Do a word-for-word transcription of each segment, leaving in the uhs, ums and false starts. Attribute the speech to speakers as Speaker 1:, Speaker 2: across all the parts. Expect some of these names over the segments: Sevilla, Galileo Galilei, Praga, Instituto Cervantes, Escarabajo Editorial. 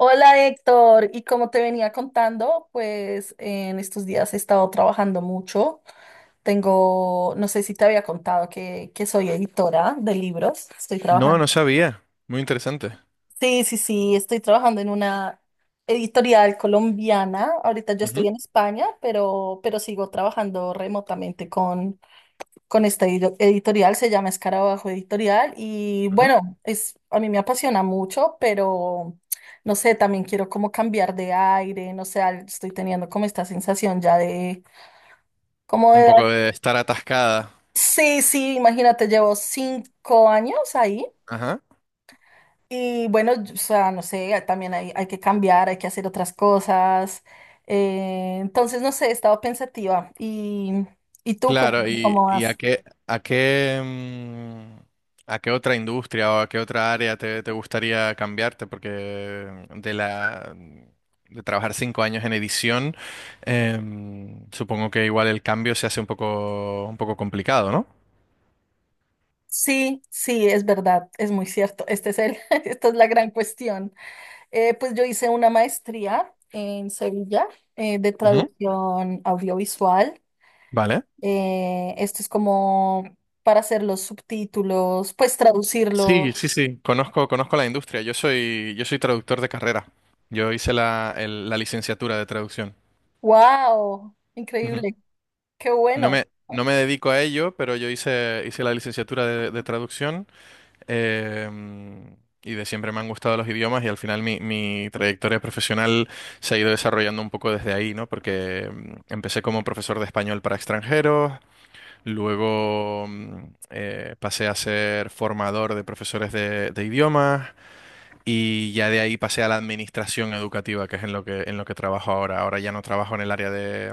Speaker 1: Hola, Héctor, y como te venía contando, pues en estos días he estado trabajando mucho. Tengo, no sé si te había contado que, que soy editora de libros. Estoy
Speaker 2: No,
Speaker 1: trabajando.
Speaker 2: no sabía. Muy interesante.
Speaker 1: Sí, sí, sí, estoy trabajando en una editorial colombiana. Ahorita yo estoy
Speaker 2: Ujú,
Speaker 1: en España, pero, pero sigo trabajando remotamente con con esta edo- editorial. Se llama Escarabajo Editorial y
Speaker 2: ujú.
Speaker 1: bueno, es, a mí me apasiona mucho, pero no sé, también quiero como cambiar de aire, no sé, al- estoy teniendo como esta sensación ya de, como
Speaker 2: Un
Speaker 1: de
Speaker 2: poco
Speaker 1: edad.
Speaker 2: de estar atascada.
Speaker 1: Sí, sí, imagínate, llevo cinco años ahí
Speaker 2: Ajá.
Speaker 1: y bueno, yo- o sea, no sé, también hay, hay que cambiar, hay que hacer otras cosas. Eh, entonces, no sé, he estado pensativa y, y tú
Speaker 2: Claro,
Speaker 1: cuéntame
Speaker 2: y,
Speaker 1: cómo
Speaker 2: y a
Speaker 1: vas.
Speaker 2: qué, a qué, mm, a qué otra industria o a qué otra área te, te gustaría cambiarte, porque de la de trabajar cinco años en edición, em, supongo que igual el cambio se hace un poco, un poco complicado, ¿no?
Speaker 1: Sí, sí, es verdad, es muy cierto. Este es el, esta es la gran cuestión. Eh, pues yo hice una maestría en Sevilla, eh, de
Speaker 2: Ujú.
Speaker 1: traducción audiovisual.
Speaker 2: Vale.
Speaker 1: Eh, esto es como para hacer los subtítulos, pues
Speaker 2: Sí,
Speaker 1: traducirlo.
Speaker 2: sí, sí, conozco, conozco la industria. Yo soy, yo soy traductor de carrera. Yo hice la, el- la licenciatura de traducción.
Speaker 1: ¡Wow!
Speaker 2: Ujú.
Speaker 1: Increíble. Qué
Speaker 2: No
Speaker 1: bueno.
Speaker 2: me, no me dedico a ello, pero yo hice, hice la licenciatura de, de traducción eh, y de siempre me han gustado los idiomas y al final mi, mi trayectoria profesional se ha ido desarrollando un poco desde ahí, ¿no? Porque mm, empecé como profesor de español para extranjeros, luego mm, eh, pasé a ser formador de profesores de, de idiomas. Y ya de ahí pasé a la administración educativa, que es en lo que, en lo que trabajo ahora. Ahora ya no trabajo en el área de,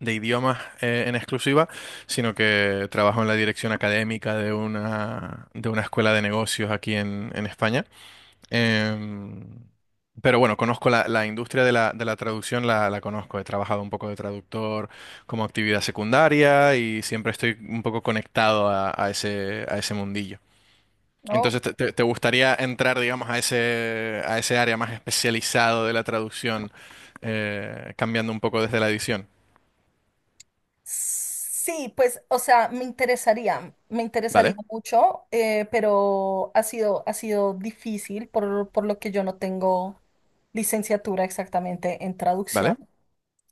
Speaker 2: de idiomas eh, en exclusiva, sino que trabajo en la dirección académica de una, de una escuela de negocios aquí en, en España. Em, pero bueno, conozco la, la industria de la, de la traducción, la, la conozco. He trabajado un poco de traductor como actividad secundaria y siempre estoy un poco conectado a, a ese, a ese mundillo.
Speaker 1: No.
Speaker 2: Entonces, te, te- te gustaría entrar, digamos, a ese, a ese área más especializado de la traducción, eh, cambiando un poco desde la edición.
Speaker 1: Sí, pues, o sea, me interesaría, me interesaría
Speaker 2: ¿Vale?
Speaker 1: mucho, eh, pero ha sido, ha sido difícil por, por lo que yo no tengo licenciatura exactamente en traducción.
Speaker 2: ¿Vale?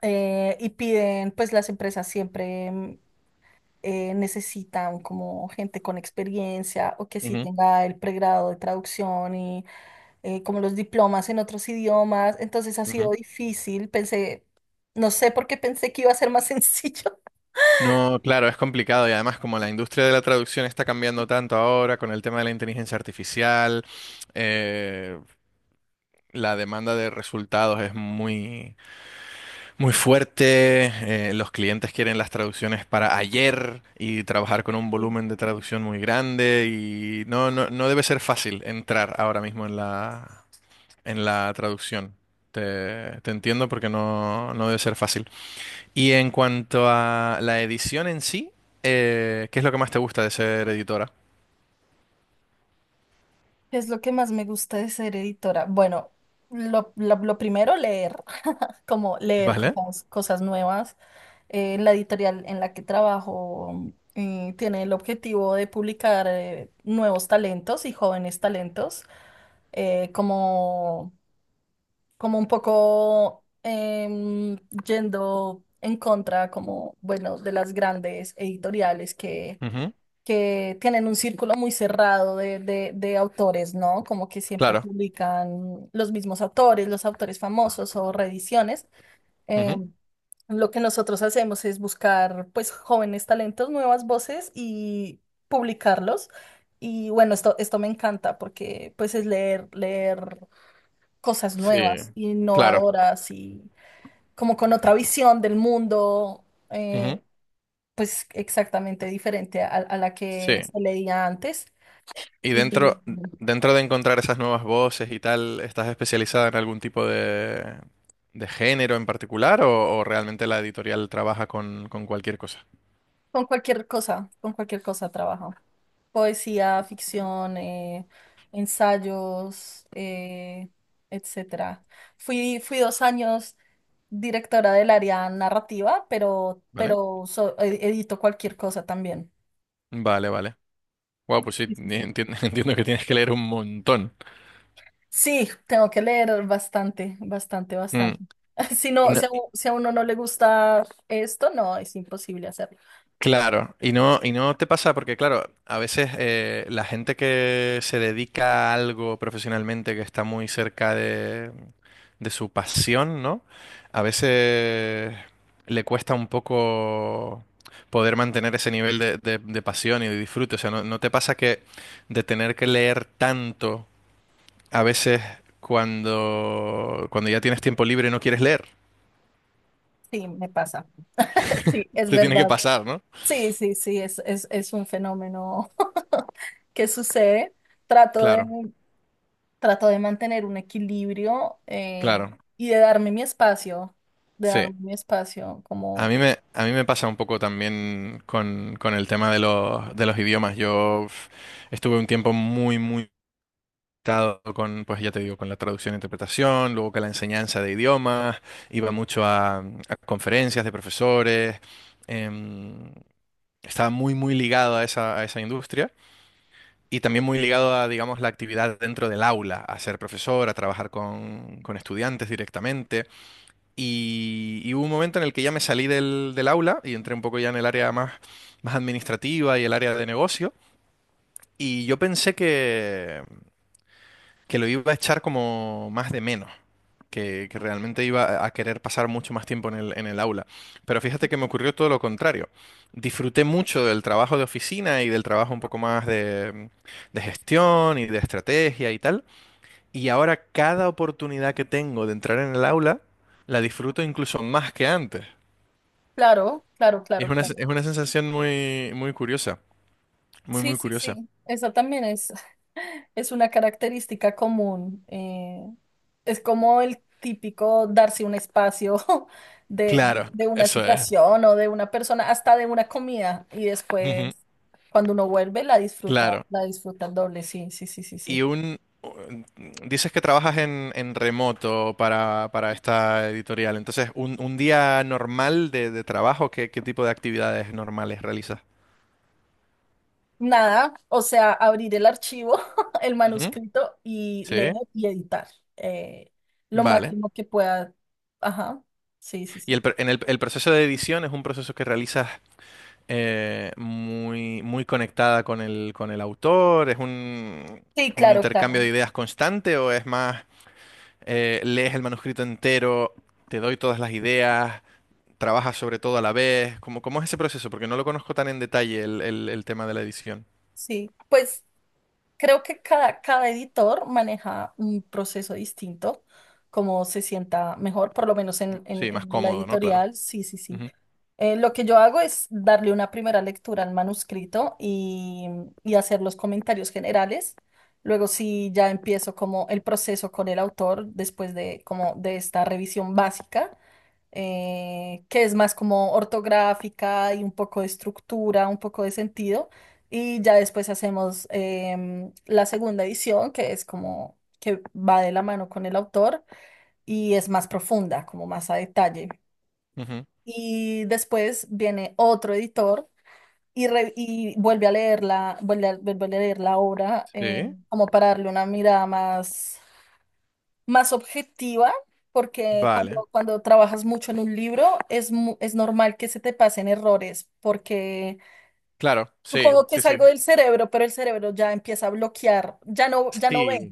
Speaker 1: eh, Y piden, pues las empresas siempre mm, eh, necesitan como gente con experiencia o que sí
Speaker 2: Ujú,
Speaker 1: tenga el pregrado de traducción y eh, como los diplomas en otros idiomas. Entonces ha sido
Speaker 2: ujú.
Speaker 1: difícil, pensé, no sé por qué pensé que iba a ser más sencillo.
Speaker 2: No, claro, es complicado y además como la industria de la traducción está cambiando tanto ahora con el tema de la inteligencia artificial, eh, la demanda de resultados es muy, muy fuerte. eh, los clientes quieren las traducciones para ayer y trabajar con un volumen de traducción muy grande y no, no, no debe ser fácil entrar ahora mismo en la, en la traducción. Te, te entiendo porque no, no debe ser fácil. Y en cuanto a la edición en sí, eh, ¿qué es lo que más te gusta de ser editora?
Speaker 1: ¿Qué es lo que más me gusta de ser editora? Bueno, lo, lo- lo primero, leer, como leer
Speaker 2: ¿Vale?
Speaker 1: cosas, cosas nuevas. Eh, la editorial en la que trabajo eh, tiene el objetivo de publicar eh, nuevos talentos y jóvenes talentos, eh, como, como un poco em, yendo en contra, como, bueno, de las grandes editoriales
Speaker 2: Ujú.
Speaker 1: que tienen un círculo muy cerrado de, de, de autores, ¿no? Como que siempre
Speaker 2: Claro.
Speaker 1: publican los mismos autores, los autores famosos o reediciones. Eh,
Speaker 2: Ujú.
Speaker 1: lo que nosotros hacemos es buscar, pues, jóvenes talentos, nuevas voces y publicarlos. Y bueno, esto, esto me encanta porque, pues, es leer, leer cosas
Speaker 2: Sí,
Speaker 1: nuevas,
Speaker 2: claro.
Speaker 1: innovadoras y como con otra visión del mundo,
Speaker 2: Ujú.
Speaker 1: eh, pues, exactamente diferente a a la que
Speaker 2: Sí.
Speaker 1: se leía antes.
Speaker 2: Y
Speaker 1: Y
Speaker 2: dentro, dentro de encontrar esas nuevas voces y tal, ¿estás especializada en algún tipo de, de género en particular o, o realmente la editorial trabaja con, con cualquier cosa?
Speaker 1: con cualquier cosa, con cualquier cosa trabajo. Poesía, ficción, eh, ensayos, eh, etcétera. Fui, fui dos años directora del área narrativa, pero,
Speaker 2: ¿Vale?
Speaker 1: pero so- ed- edito cualquier cosa también.
Speaker 2: Vale, vale. Wow, pues sí,
Speaker 1: Sí, sí, sí.
Speaker 2: entiendo, entiendo que tienes que leer un montón.
Speaker 1: Sí, tengo que leer bastante, bastante,
Speaker 2: Mm.
Speaker 1: bastante. Si
Speaker 2: Y
Speaker 1: no,
Speaker 2: no-
Speaker 1: si a, u- si a uno no le gusta esto, no, es imposible hacerlo.
Speaker 2: Claro, y no, y no te pasa porque, claro, a veces eh, la gente que se dedica a algo profesionalmente que está muy cerca de, de su pasión, ¿no? A veces le cuesta un poco poder mantener ese nivel de, de- de pasión y de disfrute. O sea, ¿no, no te pasa que de tener que leer tanto, a veces cuando, cuando ya tienes tiempo libre no quieres leer?
Speaker 1: Sí, me pasa. Sí, es
Speaker 2: Te tiene que
Speaker 1: verdad.
Speaker 2: pasar, ¿no?
Speaker 1: Sí, sí, sí, es, es, es un fenómeno que sucede. Trato de,
Speaker 2: Claro,
Speaker 1: trato de mantener un equilibrio, eh,
Speaker 2: claro.
Speaker 1: y de darme mi espacio, de
Speaker 2: Sí.
Speaker 1: darme mi espacio
Speaker 2: A mí
Speaker 1: como,
Speaker 2: me, a mí me pasa un poco también con, con el tema de los, de los idiomas. Yo uf, estuve un tiempo muy, muy limitado con, pues ya te digo, con la traducción e interpretación, luego con la enseñanza de idiomas, iba mucho a, a conferencias de profesores, em, estaba muy, muy ligado a esa, a esa industria y también muy ligado a, digamos, la actividad dentro del aula, a ser profesor, a trabajar con, con estudiantes directamente. Y, y hubo un momento en el que ya me salí del, del aula y entré un poco ya en el área más, más administrativa y el área de negocio. Y yo pensé que, que lo iba a echar como más de menos, que, que realmente iba a a querer pasar mucho más tiempo en el, en el aula. Pero fíjate que me ocurrió todo lo contrario. Disfruté mucho del trabajo de oficina y del trabajo un poco más de, de gestión y de estrategia y tal. Y ahora cada oportunidad que tengo de entrar en el aula, la disfruto incluso más que antes.
Speaker 1: claro, claro, claro,
Speaker 2: Es una,
Speaker 1: claro.
Speaker 2: es una sensación muy, muy curiosa, muy,
Speaker 1: Sí,
Speaker 2: muy
Speaker 1: sí,
Speaker 2: curiosa.
Speaker 1: sí. Esa también es, es una característica común. Eh, es como el típico darse un espacio de,
Speaker 2: Claro,
Speaker 1: de una
Speaker 2: eso es.
Speaker 1: situación o de una persona, hasta de una comida, y
Speaker 2: Ujú.
Speaker 1: después cuando uno vuelve la disfruta,
Speaker 2: Claro.
Speaker 1: la disfruta el doble. Sí, sí, sí, sí,
Speaker 2: Y
Speaker 1: sí.
Speaker 2: un... Dices que trabajas en, en remoto para, para esta editorial. Entonces, un, un día normal de, de trabajo, ¿qué, qué tipo de actividades normales realizas?
Speaker 1: Nada, o sea, abrir el archivo, el
Speaker 2: Ujú.
Speaker 1: manuscrito y leer
Speaker 2: Sí,
Speaker 1: y editar, eh, lo
Speaker 2: vale.
Speaker 1: máximo que pueda. Ajá, sí, sí,
Speaker 2: Y
Speaker 1: sí.
Speaker 2: el, pr- en el, el proceso de edición es un proceso que realizas eh, muy, muy conectada con el, con el autor, ¿es un,
Speaker 1: Sí,
Speaker 2: un
Speaker 1: claro,
Speaker 2: intercambio
Speaker 1: claro.
Speaker 2: de ideas constante o es más eh, lees el manuscrito entero, te doy todas las ideas, trabajas sobre todo a la vez? ¿Cómo, cómo es ese proceso? Porque no lo conozco tan en detalle el, el- el tema de la edición.
Speaker 1: Sí, pues creo que cada, cada editor maneja un proceso distinto, como se sienta mejor, por lo menos en, en-
Speaker 2: Sí, más
Speaker 1: en la
Speaker 2: cómodo, ¿no? Claro.
Speaker 1: editorial. Sí, sí, sí.
Speaker 2: Ujú,
Speaker 1: Eh, lo que yo hago es darle una primera lectura al manuscrito y, y hacer los comentarios generales. Luego sí ya empiezo como el proceso con el autor después de como de esta revisión básica, eh, que es más como ortográfica y un poco de estructura, un poco de sentido. Y ya después hacemos em, la segunda edición, que es como que va de la mano con el autor y es más profunda, como más a detalle.
Speaker 2: ujú.
Speaker 1: Y después viene otro editor y, re- y vuelve a leerla, vuelve a, vuelve a leer la obra, eh,
Speaker 2: Sí.
Speaker 1: como para darle una mirada más, más objetiva, porque
Speaker 2: Vale.
Speaker 1: cuando, cuando trabajas mucho en un libro es, mu- es normal que se te pasen errores, porque
Speaker 2: Claro, sí,
Speaker 1: supongo que
Speaker 2: sí,
Speaker 1: es
Speaker 2: sí.
Speaker 1: algo del cerebro, pero el cerebro ya empieza a bloquear, ya no, ya no ve.
Speaker 2: Sí.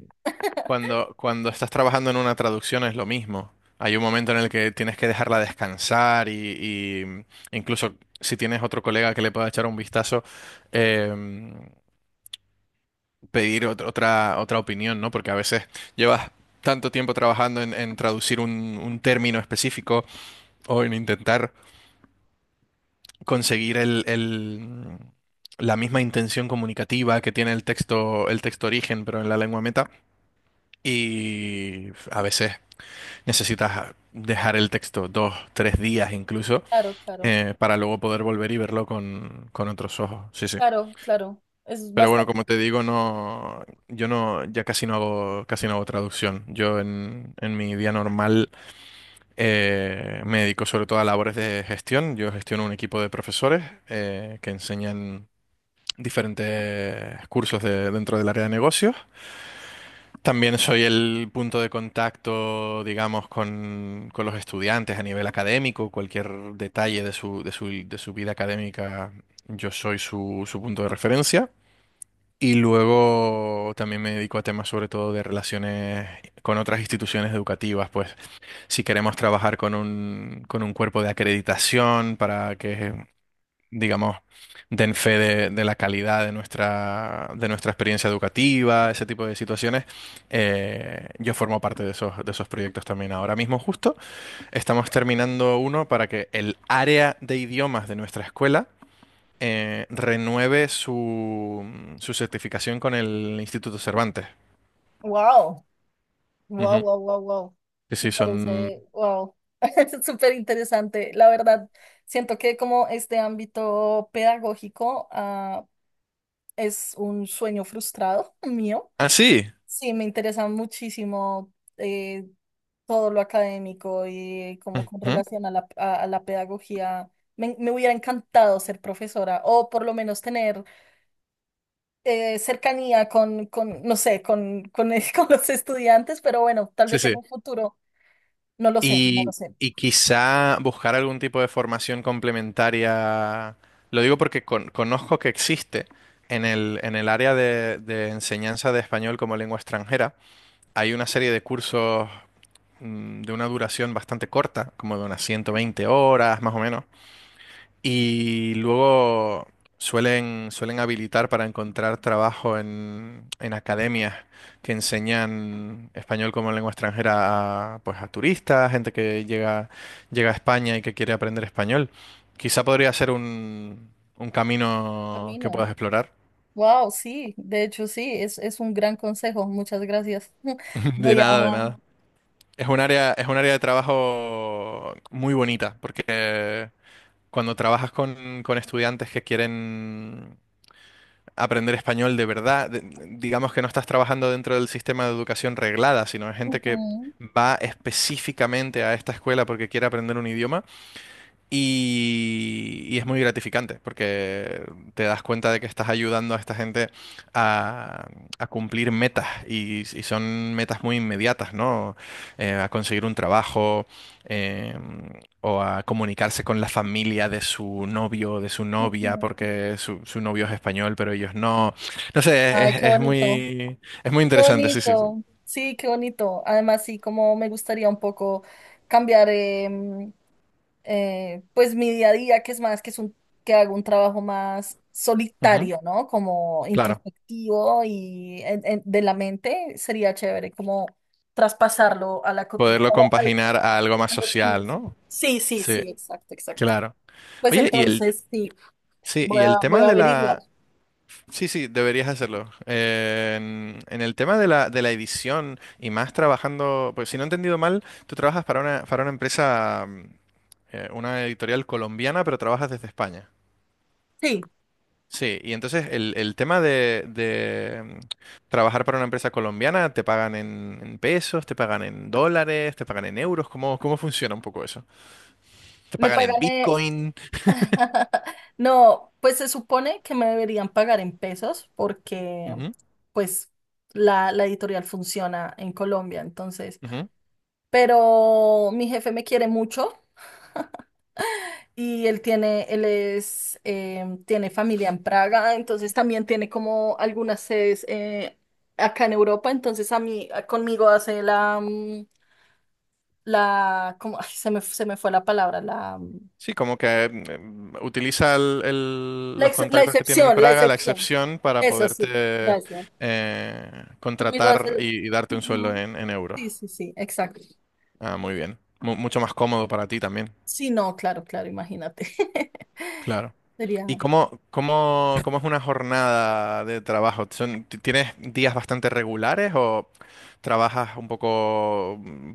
Speaker 2: Cuando, cuando estás trabajando en una traducción es lo mismo. Hay un momento en el que tienes que dejarla descansar y, y incluso si tienes otro colega que le pueda echar un vistazo, em, pedir ot- otra, otra opinión, ¿no? Porque a veces llevas tanto tiempo trabajando en, en traducir un, un término específico o en intentar conseguir el, el- la misma intención comunicativa que tiene el texto, el texto origen, pero en la lengua meta. Y a veces necesitas dejar el texto dos, tres días incluso,
Speaker 1: Claro, claro,
Speaker 2: eh, para luego poder volver y verlo con, con otros ojos. Sí, sí.
Speaker 1: claro, claro. Es
Speaker 2: Pero bueno,
Speaker 1: bastante.
Speaker 2: como te digo, no, yo no, ya casi no hago, casi no hago traducción. Yo en, en mi día normal eh, me dedico sobre todo a labores de gestión. Yo gestiono un equipo de profesores eh, que enseñan diferentes cursos de- dentro del área de negocios. También soy el punto de contacto, digamos, con, con los estudiantes a nivel académico. Cualquier detalle de su, de su, de su vida académica, yo soy su, su punto de referencia. Y luego también me dedico a temas sobre todo de relaciones con otras instituciones educativas, pues si queremos trabajar con un, con un cuerpo de acreditación para que, digamos, den fe de, de la calidad de nuestra, de nuestra experiencia educativa, ese tipo de situaciones, eh, yo formo parte de esos, de esos proyectos también. Ahora mismo justo estamos terminando uno para que el área de idiomas de nuestra escuela eh, renueve su, su certificación con el Instituto Cervantes.
Speaker 1: Wow, wow,
Speaker 2: Ujú.
Speaker 1: wow, wow, wow.
Speaker 2: Sí,
Speaker 1: Me
Speaker 2: sí, son...
Speaker 1: parece, wow. Súper interesante. La verdad, siento que como este ámbito pedagógico, ah, es un sueño frustrado mío.
Speaker 2: Ah, sí.
Speaker 1: Sí, me interesa muchísimo, eh, todo lo académico y como con
Speaker 2: Ujú.
Speaker 1: relación a la, a- a la pedagogía. Me, me hubiera encantado ser profesora o por lo menos tener, eh, cercanía con, con, no sé, con, con, el- con los estudiantes, pero bueno, tal
Speaker 2: Sí,
Speaker 1: vez en
Speaker 2: sí.
Speaker 1: un futuro, no lo sé, no lo
Speaker 2: Y,
Speaker 1: sé.
Speaker 2: y quizá buscar algún tipo de formación complementaria. Lo digo porque con- conozco que existe en el, en el área de, de enseñanza de español como lengua extranjera. Hay una serie de cursos mm, de una duración bastante corta, como de unas ciento veinte horas más o menos, y luego suelen, suelen habilitar para encontrar trabajo en, en academias que enseñan español como lengua extranjera a, pues a turistas, gente que llega, llega a España y que quiere aprender español. Quizá podría ser un, un
Speaker 1: A
Speaker 2: camino
Speaker 1: mí
Speaker 2: que
Speaker 1: no.
Speaker 2: puedas explorar.
Speaker 1: Wow, sí, de hecho sí, es, es un gran consejo. Muchas gracias.
Speaker 2: De
Speaker 1: Voy a...
Speaker 2: nada, de nada. Es un área, es un área de trabajo muy bonita, porque cuando trabajas con, con estudiantes que quieren aprender español de verdad. De- digamos que no estás trabajando dentro del sistema de educación reglada, sino hay gente que
Speaker 1: Ujú,
Speaker 2: va específicamente a esta escuela porque quiere aprender un idioma. Y, y es muy gratificante porque te das cuenta de que estás ayudando a esta gente a, a cumplir metas y, y son metas muy inmediatas, ¿no? Eh, a conseguir un trabajo eh, o a comunicarse con la familia de su novio, o de su novia,
Speaker 1: ujú.
Speaker 2: porque su, su novio es español, pero ellos no. No sé,
Speaker 1: Ay,
Speaker 2: es,
Speaker 1: qué
Speaker 2: es
Speaker 1: bonito,
Speaker 2: muy, es muy
Speaker 1: qué
Speaker 2: interesante, sí, sí, sí.
Speaker 1: bonito. Sí, qué bonito. Además, sí, como me gustaría un poco cambiar, em, eh, pues mi día a día, que es más, que es un, que hago un trabajo más
Speaker 2: Ujú.
Speaker 1: solitario, ¿no? Como
Speaker 2: Claro,
Speaker 1: introspectivo y en- en- de la mente sería chévere como traspasarlo a la cotidiana.
Speaker 2: poderlo compaginar a algo más social, ¿no?
Speaker 1: Sí, sí,
Speaker 2: Sí,
Speaker 1: sí, exacto, exacto.
Speaker 2: claro.
Speaker 1: Pues
Speaker 2: Oye, ¿y el
Speaker 1: entonces sí,
Speaker 2: Sí,
Speaker 1: voy
Speaker 2: y
Speaker 1: a,
Speaker 2: el
Speaker 1: voy
Speaker 2: tema
Speaker 1: a
Speaker 2: de
Speaker 1: averiguar.
Speaker 2: la... Sí, sí, deberías hacerlo. Eh, en, en el tema de la, de la edición y más trabajando, pues si no he entendido mal, tú trabajas para una, para una empresa, mm, eh, una editorial colombiana, pero trabajas desde España.
Speaker 1: Sí,
Speaker 2: Sí, y entonces el, el tema de, de, mm, trabajar para una empresa colombiana, ¿te pagan en, en pesos, te pagan en dólares, te pagan en euros? ¿Cómo, cómo funciona un poco eso? ¿Te
Speaker 1: me
Speaker 2: pagan en
Speaker 1: pagan. eh,
Speaker 2: Bitcoin?
Speaker 1: No, pues se supone que me deberían pagar en pesos porque
Speaker 2: Ujú,
Speaker 1: pues la, la editorial funciona en Colombia, entonces,
Speaker 2: ujú.
Speaker 1: pero mi jefe me quiere mucho y él tiene, él es, eh, tiene familia en Praga, entonces también tiene como algunas sedes, eh, acá en Europa, entonces a mí, a- conmigo hace la, mm, la, como, ay, se me, se me fue la palabra, la,
Speaker 2: Sí, como que mm, eh, utiliza el- el-
Speaker 1: La,
Speaker 2: los
Speaker 1: ex- la
Speaker 2: contactos que tiene en
Speaker 1: excepción, la
Speaker 2: Praga, la
Speaker 1: excepción.
Speaker 2: excepción, para
Speaker 1: Eso sí,
Speaker 2: poderte
Speaker 1: gracias.
Speaker 2: eh,
Speaker 1: Conmigo es
Speaker 2: contratar
Speaker 1: el...
Speaker 2: y, y darte un sueldo
Speaker 1: Ujú.
Speaker 2: en, en euros.
Speaker 1: Sí, sí, sí, exacto.
Speaker 2: Ah, muy bien. Mu- mucho más cómodo para ti también.
Speaker 1: Sí, no, claro, claro, imagínate.
Speaker 2: Claro.
Speaker 1: Sería,
Speaker 2: ¿Y cómo, cómo, cómo es una jornada de trabajo? ¿Son- ti- ¿Tienes días bastante regulares o trabajas un poco mm,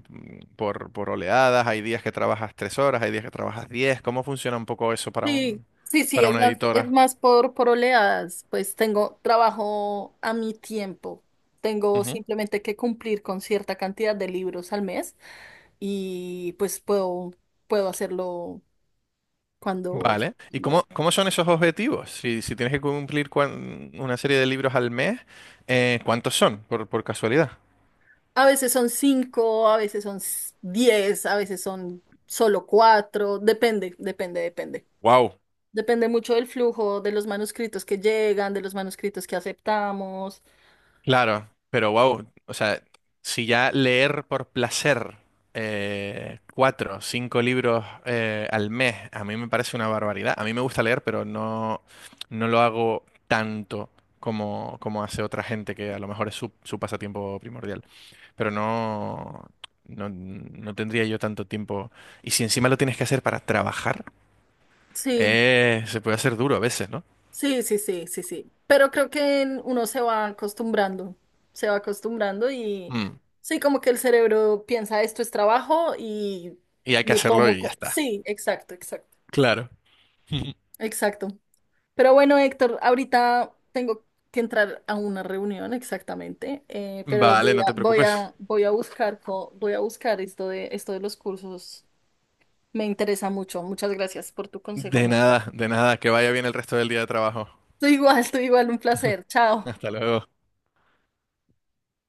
Speaker 2: por, por oleadas? ¿Hay días que trabajas tres horas? ¿Hay días que trabajas diez? ¿Cómo funciona un poco eso para
Speaker 1: sí,
Speaker 2: un,
Speaker 1: sí, sí,
Speaker 2: para
Speaker 1: es
Speaker 2: una
Speaker 1: más, es
Speaker 2: editora?
Speaker 1: más por, por oleadas, pues tengo trabajo a mi tiempo. Tengo
Speaker 2: Ujú.
Speaker 1: simplemente que cumplir con cierta cantidad de libros al mes y pues puedo, puedo hacerlo cuando,
Speaker 2: Vale. ¿Y cómo,
Speaker 1: cuando
Speaker 2: cómo son esos objetivos? Si, si tienes que cumplir cuan- una serie de libros al mes, eh, ¿cuántos son, por, por casualidad?
Speaker 1: a veces son cinco, a veces son s- diez, a veces son solo cuatro, depende, depende, depende.
Speaker 2: Wow.
Speaker 1: Depende mucho del flujo, de los manuscritos que llegan, de los manuscritos que aceptamos.
Speaker 2: Claro, pero wow, o sea, si ya leer por placer eh, cuatro, cinco libros eh, al mes, a mí me parece una barbaridad. A mí me gusta leer, pero no, no lo hago tanto como, como hace otra gente que a lo mejor es su, su pasatiempo primordial. Pero no, no, no tendría yo tanto tiempo. Y si encima lo tienes que hacer para trabajar,
Speaker 1: Sí,
Speaker 2: eh, se puede hacer duro a veces, ¿no?
Speaker 1: sí, sí, sí, sí, sí. Pero creo que en- uno se va acostumbrando, se va acostumbrando y
Speaker 2: Mm.
Speaker 1: sí, como que el cerebro piensa esto es trabajo y
Speaker 2: Y hay que
Speaker 1: lo
Speaker 2: hacerlo
Speaker 1: tomo.
Speaker 2: y ya
Speaker 1: co-
Speaker 2: está.
Speaker 1: Sí, exacto, exacto,
Speaker 2: Claro.
Speaker 1: exacto. Pero bueno, Héctor, ahorita tengo que entrar a una reunión exactamente, eh, pero
Speaker 2: Vale,
Speaker 1: voy
Speaker 2: no te
Speaker 1: a, voy
Speaker 2: preocupes.
Speaker 1: a, voy a buscar, co- voy a buscar esto de, esto de los cursos. Me interesa mucho. Muchas gracias por tu consejo.
Speaker 2: De nada, de nada. Que vaya bien el resto del día de trabajo.
Speaker 1: Tú igual, tú igual, un placer. Chao.
Speaker 2: Hasta luego.